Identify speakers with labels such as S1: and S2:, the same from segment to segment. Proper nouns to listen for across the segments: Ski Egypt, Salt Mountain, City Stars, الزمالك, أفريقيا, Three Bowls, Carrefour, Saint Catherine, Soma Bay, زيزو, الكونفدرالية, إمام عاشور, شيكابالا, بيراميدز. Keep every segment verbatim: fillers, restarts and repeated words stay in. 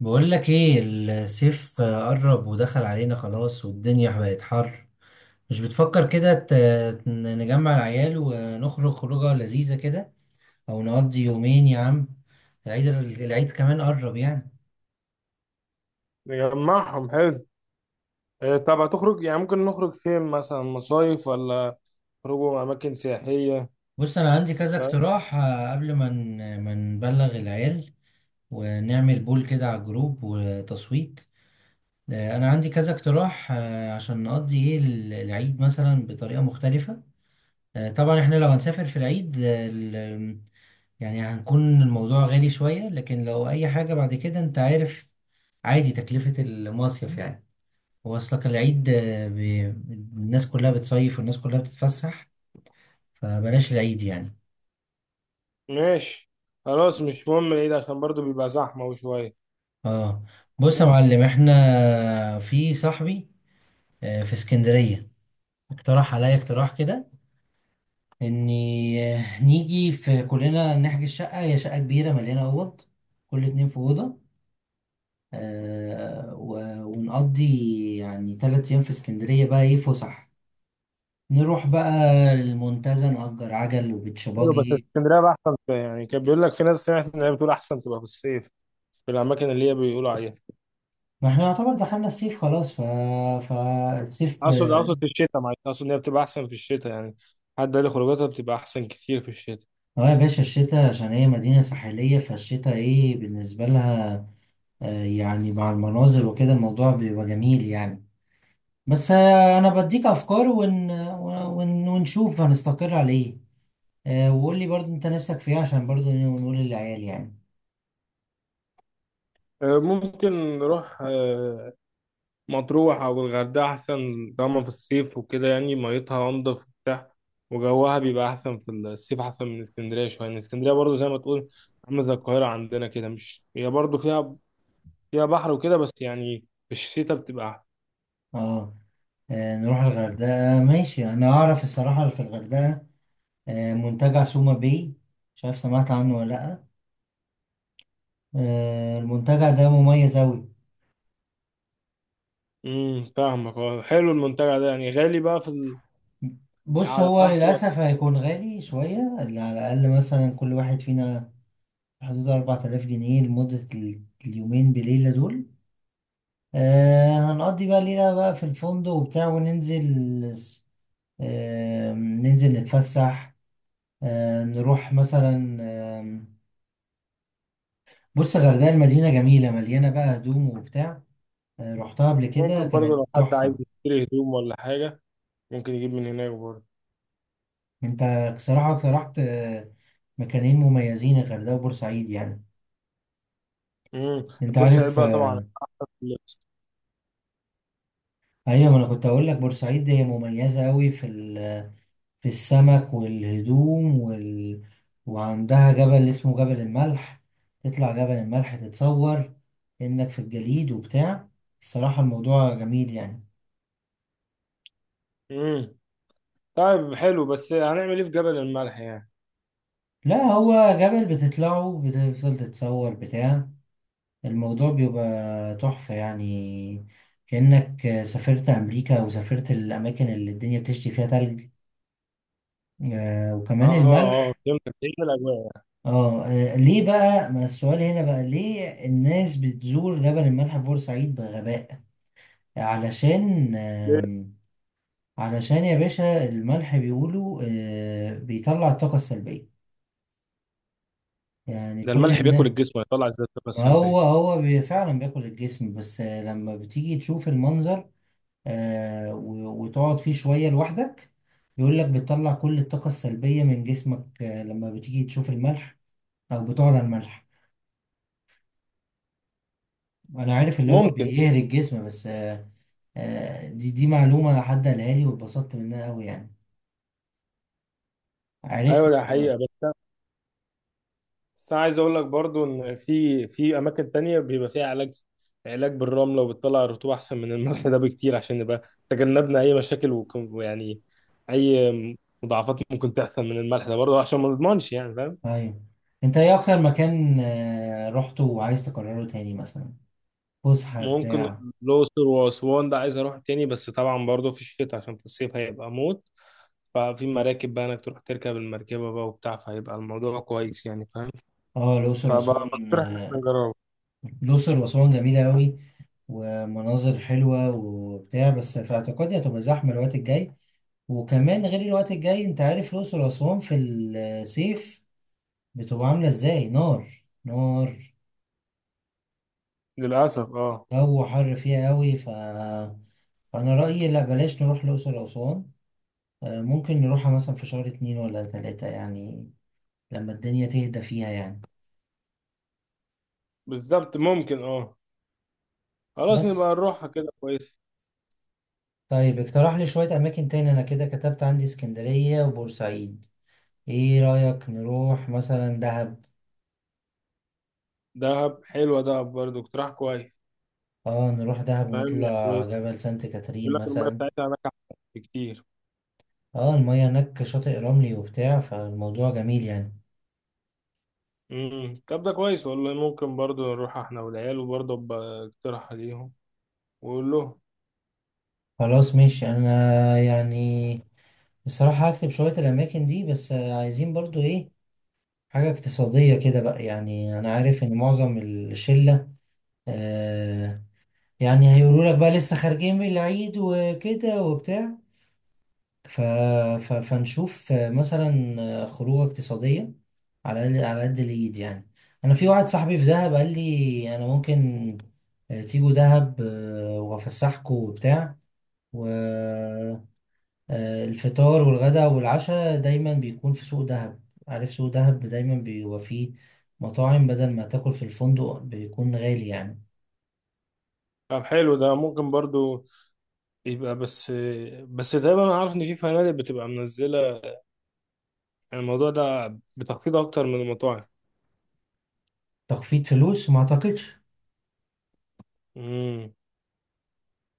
S1: بقول لك ايه. الصيف قرب ودخل علينا خلاص، والدنيا بقت حر. مش بتفكر كده ت- نجمع العيال ونخرج خروجه لذيذة كده، او نقضي يومين يا عم العيد؟ العيد كمان قرب يعني.
S2: نجمعهم حلو. إيه، طب هتخرج؟ يعني ممكن نخرج فين مثلا؟ مصايف ولا خروجوا أماكن سياحية؟
S1: بص انا عندي كذا
S2: فاهم؟
S1: اقتراح، آه، قبل ما ن- ما نبلغ العيال ونعمل بول كده على الجروب وتصويت. آه، انا عندي كذا اقتراح، آه، عشان نقضي ايه ال- العيد مثلا بطريقة مختلفة. آه، طبعا احنا لو هنسافر في العيد يعني هنكون الموضوع غالي شوية، لكن لو أي حاجة بعد كده أنت عارف عادي تكلفة المصيف يعني. هو أصلك العيد آه، بي... الناس كلها بتصيف والناس كلها بتتفسح، فبلاش العيد يعني.
S2: ماشي. خلاص مش مهم العيد عشان برضو بيبقى زحمة وشوية.
S1: اه. بص يا معلم، احنا في صاحبي آه، في اسكندرية اقترح عليا اقتراح كده، اني آه، نيجي في كلنا نحجز شقة. هي شقة كبيرة مليانة أوض، كل اتنين في أوضة. آه، و- ونقضي يعني تلات أيام في اسكندرية بقى إيه فسح. نروح بقى المنتزه، نأجر عجل
S2: حلو، بس
S1: وبتشباجي.
S2: اسكندرية بقى أحسن شوية. يعني كان بيقول لك في ناس سمعت إن هي بتقول أحسن تبقى في الصيف، في الأماكن اللي هي بيقولوا عليها.
S1: ما احنا يعتبر دخلنا الصيف خلاص ف... فالصيف
S2: أقصد أقصد
S1: اه.
S2: في الشتاء، معلش، أقصد إن هي بتبقى أحسن في الشتاء يعني. حد قال لي خروجاتها بتبقى أحسن كتير في الشتاء.
S1: آه يا باشا، الشتاء عشان هي مدينة ساحلية، فالشتاء ايه بالنسبة لها. آه يعني مع المناظر وكده الموضوع بيبقى جميل يعني. بس آه انا بديك افكار ون... ون... ونشوف هنستقر على ايه. آه، وقول لي برضو انت نفسك في ايه عشان برضو نقول للعيال يعني.
S2: آه، ممكن نروح آه، مطروح أو الغردقة أحسن. طالما في الصيف وكده يعني ميتها أنضف وبتاع، وجوها بيبقى أحسن في الصيف، أحسن من اسكندرية شوية. يعني اسكندرية برضه زي ما تقول عاملة زي القاهرة عندنا كده، مش هي برضه فيها فيها بحر وكده، بس يعني في الشتاء بتبقى أحسن.
S1: اه. آه، نروح الغردقة ماشي. أنا أعرف الصراحة في الغردقة آه، منتجع سوما باي. مش عارف سمعت عنه ولا لأ؟ آه، المنتجع ده مميز أوي.
S2: امم فاهمك، اه. حلو المنتجع ده، يعني غالي بقى في
S1: بص
S2: القعدة
S1: هو
S2: بتاعته؟
S1: للأسف هيكون غالي شوية، اللي على الأقل مثلا كل واحد فينا في حدود أربعة آلاف جنيه لمدة ال- اليومين بليلة دول. آه، هنقضي بقى ليلة بقى في الفندق وبتاع وننزل، آه ننزل نتفسح. آه نروح مثلا، بص الغردقة المدينة جميلة، مليانة بقى هدوم وبتاع. آه، رحتها قبل كده
S2: ممكن برضه
S1: كانت
S2: لو حد عايز
S1: تحفة.
S2: يشتري هدوم ولا حاجة ممكن يجيب من هناك برضه.
S1: انت بصراحة اقترحت آه، مكانين مميزين، الغردقة وبورسعيد يعني.
S2: امم
S1: انت
S2: بورسعيد
S1: عارف،
S2: بقى طبعا
S1: آه،
S2: أحسن في اللبس.
S1: ايوه ما انا كنت اقول لك بورسعيد هي مميزة قوي في ال- في السمك والهدوم وال... وعندها جبل اسمه جبل الملح. تطلع جبل الملح، تتصور انك في الجليد وبتاع. الصراحة الموضوع جميل يعني.
S2: امم طيب حلو، بس هنعمل ايه في جبل الملح يعني؟
S1: لا هو جبل بتطلعه، بتفضل تتصور بتاع، الموضوع بيبقى تحفة يعني. كأنك سافرت أمريكا وسافرت الأماكن اللي الدنيا بتشتي فيها تلج، آه وكمان
S2: اه اه،
S1: الملح.
S2: فهمتك، هي دي الاجواء.
S1: اه. آه، ليه بقى؟ ما السؤال هنا بقى، ليه الناس بتزور جبل الملح في بورسعيد بغباء؟ علشان آم، علشان يا باشا الملح بيقولوا آه بيطلع الطاقة السلبية يعني
S2: ده
S1: كل
S2: الملح بياكل
S1: الناس.
S2: الجسم ويطلع زي الطاقه
S1: ما
S2: السلبيه.
S1: هو هو بي- فعلا بياكل الجسم، بس آه، لما بتيجي تشوف المنظر، آه، و- وتقعد فيه شوية لوحدك، بيقول لك بتطلع كل الطاقة السلبية من جسمك آه، لما بتيجي تشوف الملح أو بتقعد على الملح. أنا عارف اللي هو
S2: ممكن.
S1: بيهري الجسم، بس آه، آه، دي دي معلومة حد قالها لي واتبسطت منها أوي يعني، عرفت
S2: ايوه ده
S1: السبب.
S2: حقيقه، بس انا بس أنا عايز اقول لك برضو ان في في اماكن تانية بيبقى فيها علاج، علاج بالرمله وبتطلع الرطوبه احسن من الملح ده بكتير، عشان نبقى تجنبنا اي مشاكل وك- ويعني اي مضاعفات ممكن تحصل من الملح ده برضو، عشان ما نضمنش يعني، فاهم.
S1: أيوة. أنت إيه أكتر مكان آه، رحته وعايز تكرره تاني مثلا، فسحة
S2: ممكن.
S1: بتاع؟
S2: الأقصر وأسوان ده عايز أروح تاني، بس طبعا برضه في الشتاء عشان في الصيف هيبقى موت. ففي مراكب بقى إنك تروح تركب المركبة بقى وبتاع، فهيبقى الموضوع كويس يعني، فاهم؟
S1: اه الأقصر
S2: فبقى
S1: وأسوان
S2: بقترح إن إحنا
S1: آه،
S2: نجربه.
S1: الأقصر وأسوان جميلة أوي، ومناظر حلوة وبتاع، بس في اعتقادي هتبقى زحمة الوقت الجاي. وكمان غير الوقت الجاي انت عارف الأقصر وأسوان في الصيف بتبقى عاملة ازاي. نار نار،
S2: للأسف أه.
S1: جو حر فيها قوي، ف... فأنا رأيي لا بلاش نروح الأقصر وأسوان. آه، ممكن نروحها مثلا في شهر اتنين ولا تلاتة يعني، لما الدنيا تهدى فيها يعني.
S2: بالظبط، ممكن أه. خلاص نبقى
S1: بس
S2: نروحها كده كويس.
S1: طيب، اقترح لي شوية أماكن تاني. أنا كده كتبت عندي اسكندرية وبورسعيد، ايه رأيك نروح مثلا دهب؟
S2: دهب حلوة، دهب برضه اقتراح كويس.
S1: اه، نروح دهب
S2: فاهم
S1: ونطلع
S2: يعني،
S1: جبل سانت
S2: يقول
S1: كاترين
S2: لك المية
S1: مثلا.
S2: بتاعتها هناك أحسن بكتير.
S1: اه المية هناك شاطئ رملي وبتاع، فالموضوع جميل يعني.
S2: امم طب ده كويس والله، ممكن برضه نروح إحنا والعيال، وبرضه أبقى اقتراح عليهم وأقول لهم.
S1: خلاص ماشي انا يعني الصراحة هكتب شوية الأماكن دي، بس عايزين برضو ايه، حاجة اقتصادية كده بقى يعني. أنا عارف إن معظم الشلة آه يعني هيقولوا لك بقى لسه خارجين من العيد وكده وبتاع، ف... ف... فنشوف مثلا خروجة اقتصادية على قد- على قد الإيد يعني. أنا في واحد صاحبي في دهب قال لي أنا ممكن آه، تيجوا دهب آه، وأفسحكوا وبتاع، والفطار والغداء والعشاء دايما بيكون في سوق دهب. عارف سوق دهب دايما بيبقى فيه مطاعم، بدل ما تاكل في الفندق بيكون غالي يعني.
S2: طب حلو ده ممكن برضه. يبقى بس بس تقريبا انا عارف ان في فنادق بتبقى منزله، يعني الموضوع ده بتخفيض اكتر من المطاعم.
S1: تخفيض فلوس ما أعتقدش،
S2: امم.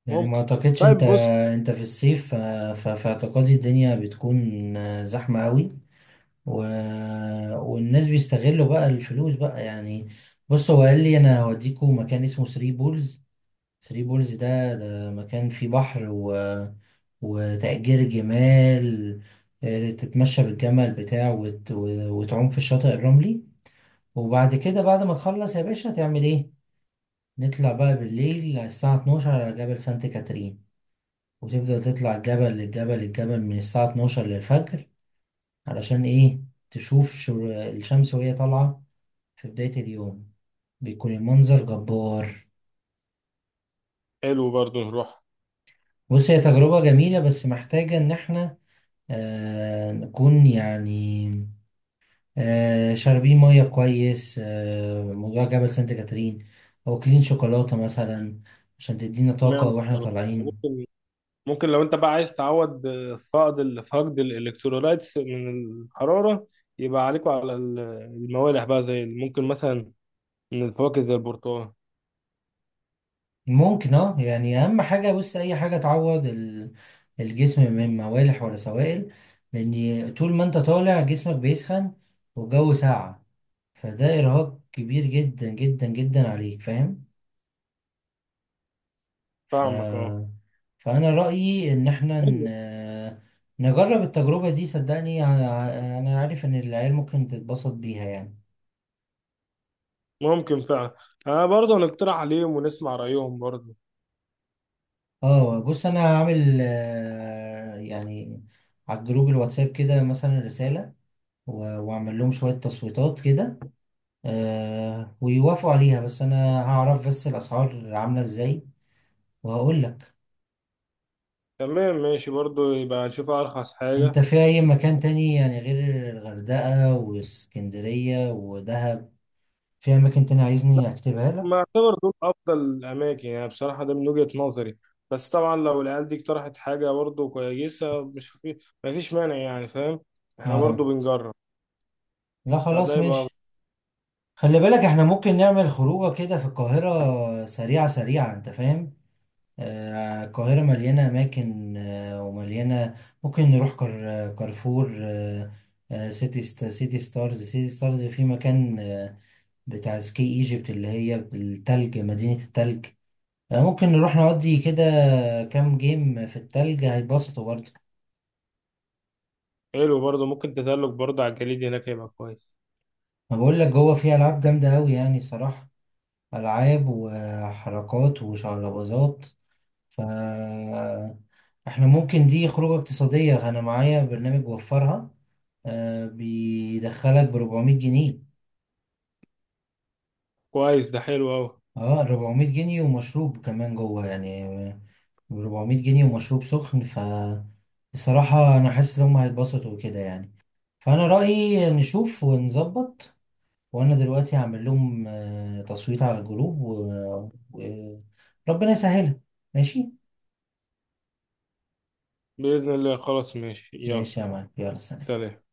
S1: يعني ما
S2: ممكن.
S1: اعتقدش. انت
S2: طيب بص.
S1: انت في الصيف ف- ف- في اعتقادي الدنيا بتكون زحمة قوي و... والناس بيستغلوا بقى الفلوس بقى يعني. بص هو قال لي انا هوديكوا مكان اسمه ثري بولز. ثري بولز ده ده مكان فيه بحر و... وتأجير جمال، آه، تتمشى بالجمل بتاعه وت... و- وتعوم في الشاطئ الرملي. وبعد كده بعد ما تخلص يا باشا هتعمل ايه؟ نطلع بقى بالليل على الساعة اتناشر على جبل سانت كاترين، وتفضل تطلع الجبل للجبل. الجبل من الساعة اتناشر للفجر. علشان إيه؟ تشوف شر... الشمس وهي طالعة في بداية اليوم، بيكون المنظر جبار.
S2: حلو برضو نروح.
S1: بص هي تجربة جميلة، بس محتاجة إن إحنا آه نكون يعني آه شاربين مية كويس. آه موضوع جبل سانت كاترين، أو أكلين شوكولاتة مثلا عشان تدينا طاقة
S2: اشمعنى
S1: وإحنا
S2: السلطة؟
S1: طالعين.
S2: ممكن. ممكن لو انت بقى عايز تعوض فقد ال- فقد الالكترولايتس من الحراره، يبقى عليكوا على ال- الموالح بقى، زي ممكن مثلا من الفواكه زي البرتقال.
S1: ممكن اه يعني. اهم حاجه بص اي حاجه تعوض ال- الجسم من موالح ولا سوائل. لان طول ما انت طالع جسمك بيسخن والجو ساقع، فده ارهاق كبير جدا جدا جدا عليك فاهم. ف...
S2: فاهمك اه.
S1: فانا رايي ان احنا
S2: حلو.
S1: ن... نجرب التجربه دي. صدقني، ع- انا عارف ان العيال ممكن تتبسط بيها يعني.
S2: ممكن فعلا. انا برضه هنقترح عليهم ونسمع رايهم برضه.
S1: اه. بص انا هعمل آه، يعني على الجروب الواتساب كده مثلا رساله، و- واعمل لهم شوية تصويتات كده آه ويوافقوا عليها. بس انا هعرف بس الاسعار عاملة ازاي وهقول لك.
S2: تمام، ماشي، برضه يبقى نشوف ارخص
S1: انت
S2: حاجه.
S1: في اي مكان تاني يعني غير الغردقة واسكندرية ودهب؟ في اماكن تاني عايزني اكتبها
S2: ما
S1: لك؟
S2: اعتبر دول افضل الاماكن يعني بصراحه، ده من وجهه نظري، بس طبعا لو العيال دي اقترحت حاجه برضه كويسه، مش في ما فيش مانع يعني، فاهم، احنا برضه
S1: اه.
S2: بنجرب.
S1: لا
S2: فده
S1: خلاص
S2: يبقى
S1: ماشي. خلي بالك احنا ممكن نعمل خروجه كده في القاهرة سريعة سريعة انت فاهم. آه، القاهرة مليانة أماكن آه، ومليانة. ممكن نروح كار كارفور، آه، آه، سيتي ست سيتي ستارز. سيتي ستارز في مكان آه، بتاع سكي ايجيبت اللي هي التلج، مدينة التلج. آه، ممكن نروح نودي كده كام جيم في التلج، هيتبسطوا برضه.
S2: حلو برضه. ممكن تزلج برضه على الجليد هناك، يبقى كويس.
S1: ما بقول لك جوه فيه ألعاب جامدة أوي يعني صراحة، ألعاب وحركات وشعلبازات. ف احنا ممكن دي خروجة اقتصادية. أنا معايا برنامج وفرها آه بيدخلك ب اربعمية جنيه.
S2: كويس ده، حلو قوي.
S1: اه اربعمية جنيه ومشروب كمان جوه يعني، ب اربعمية جنيه ومشروب سخن. ف بصراحة أنا حاسس إن هما هيتبسطوا وكده يعني، فأنا رأيي نشوف ونظبط. وأنا دلوقتي هعمل لهم آه، تصويت على الجروب وربنا يسهلها. ماشي.
S2: باذن الله. خلاص ماشي. يلا
S1: ماشي يا معلم يلا سلام.
S2: سلام.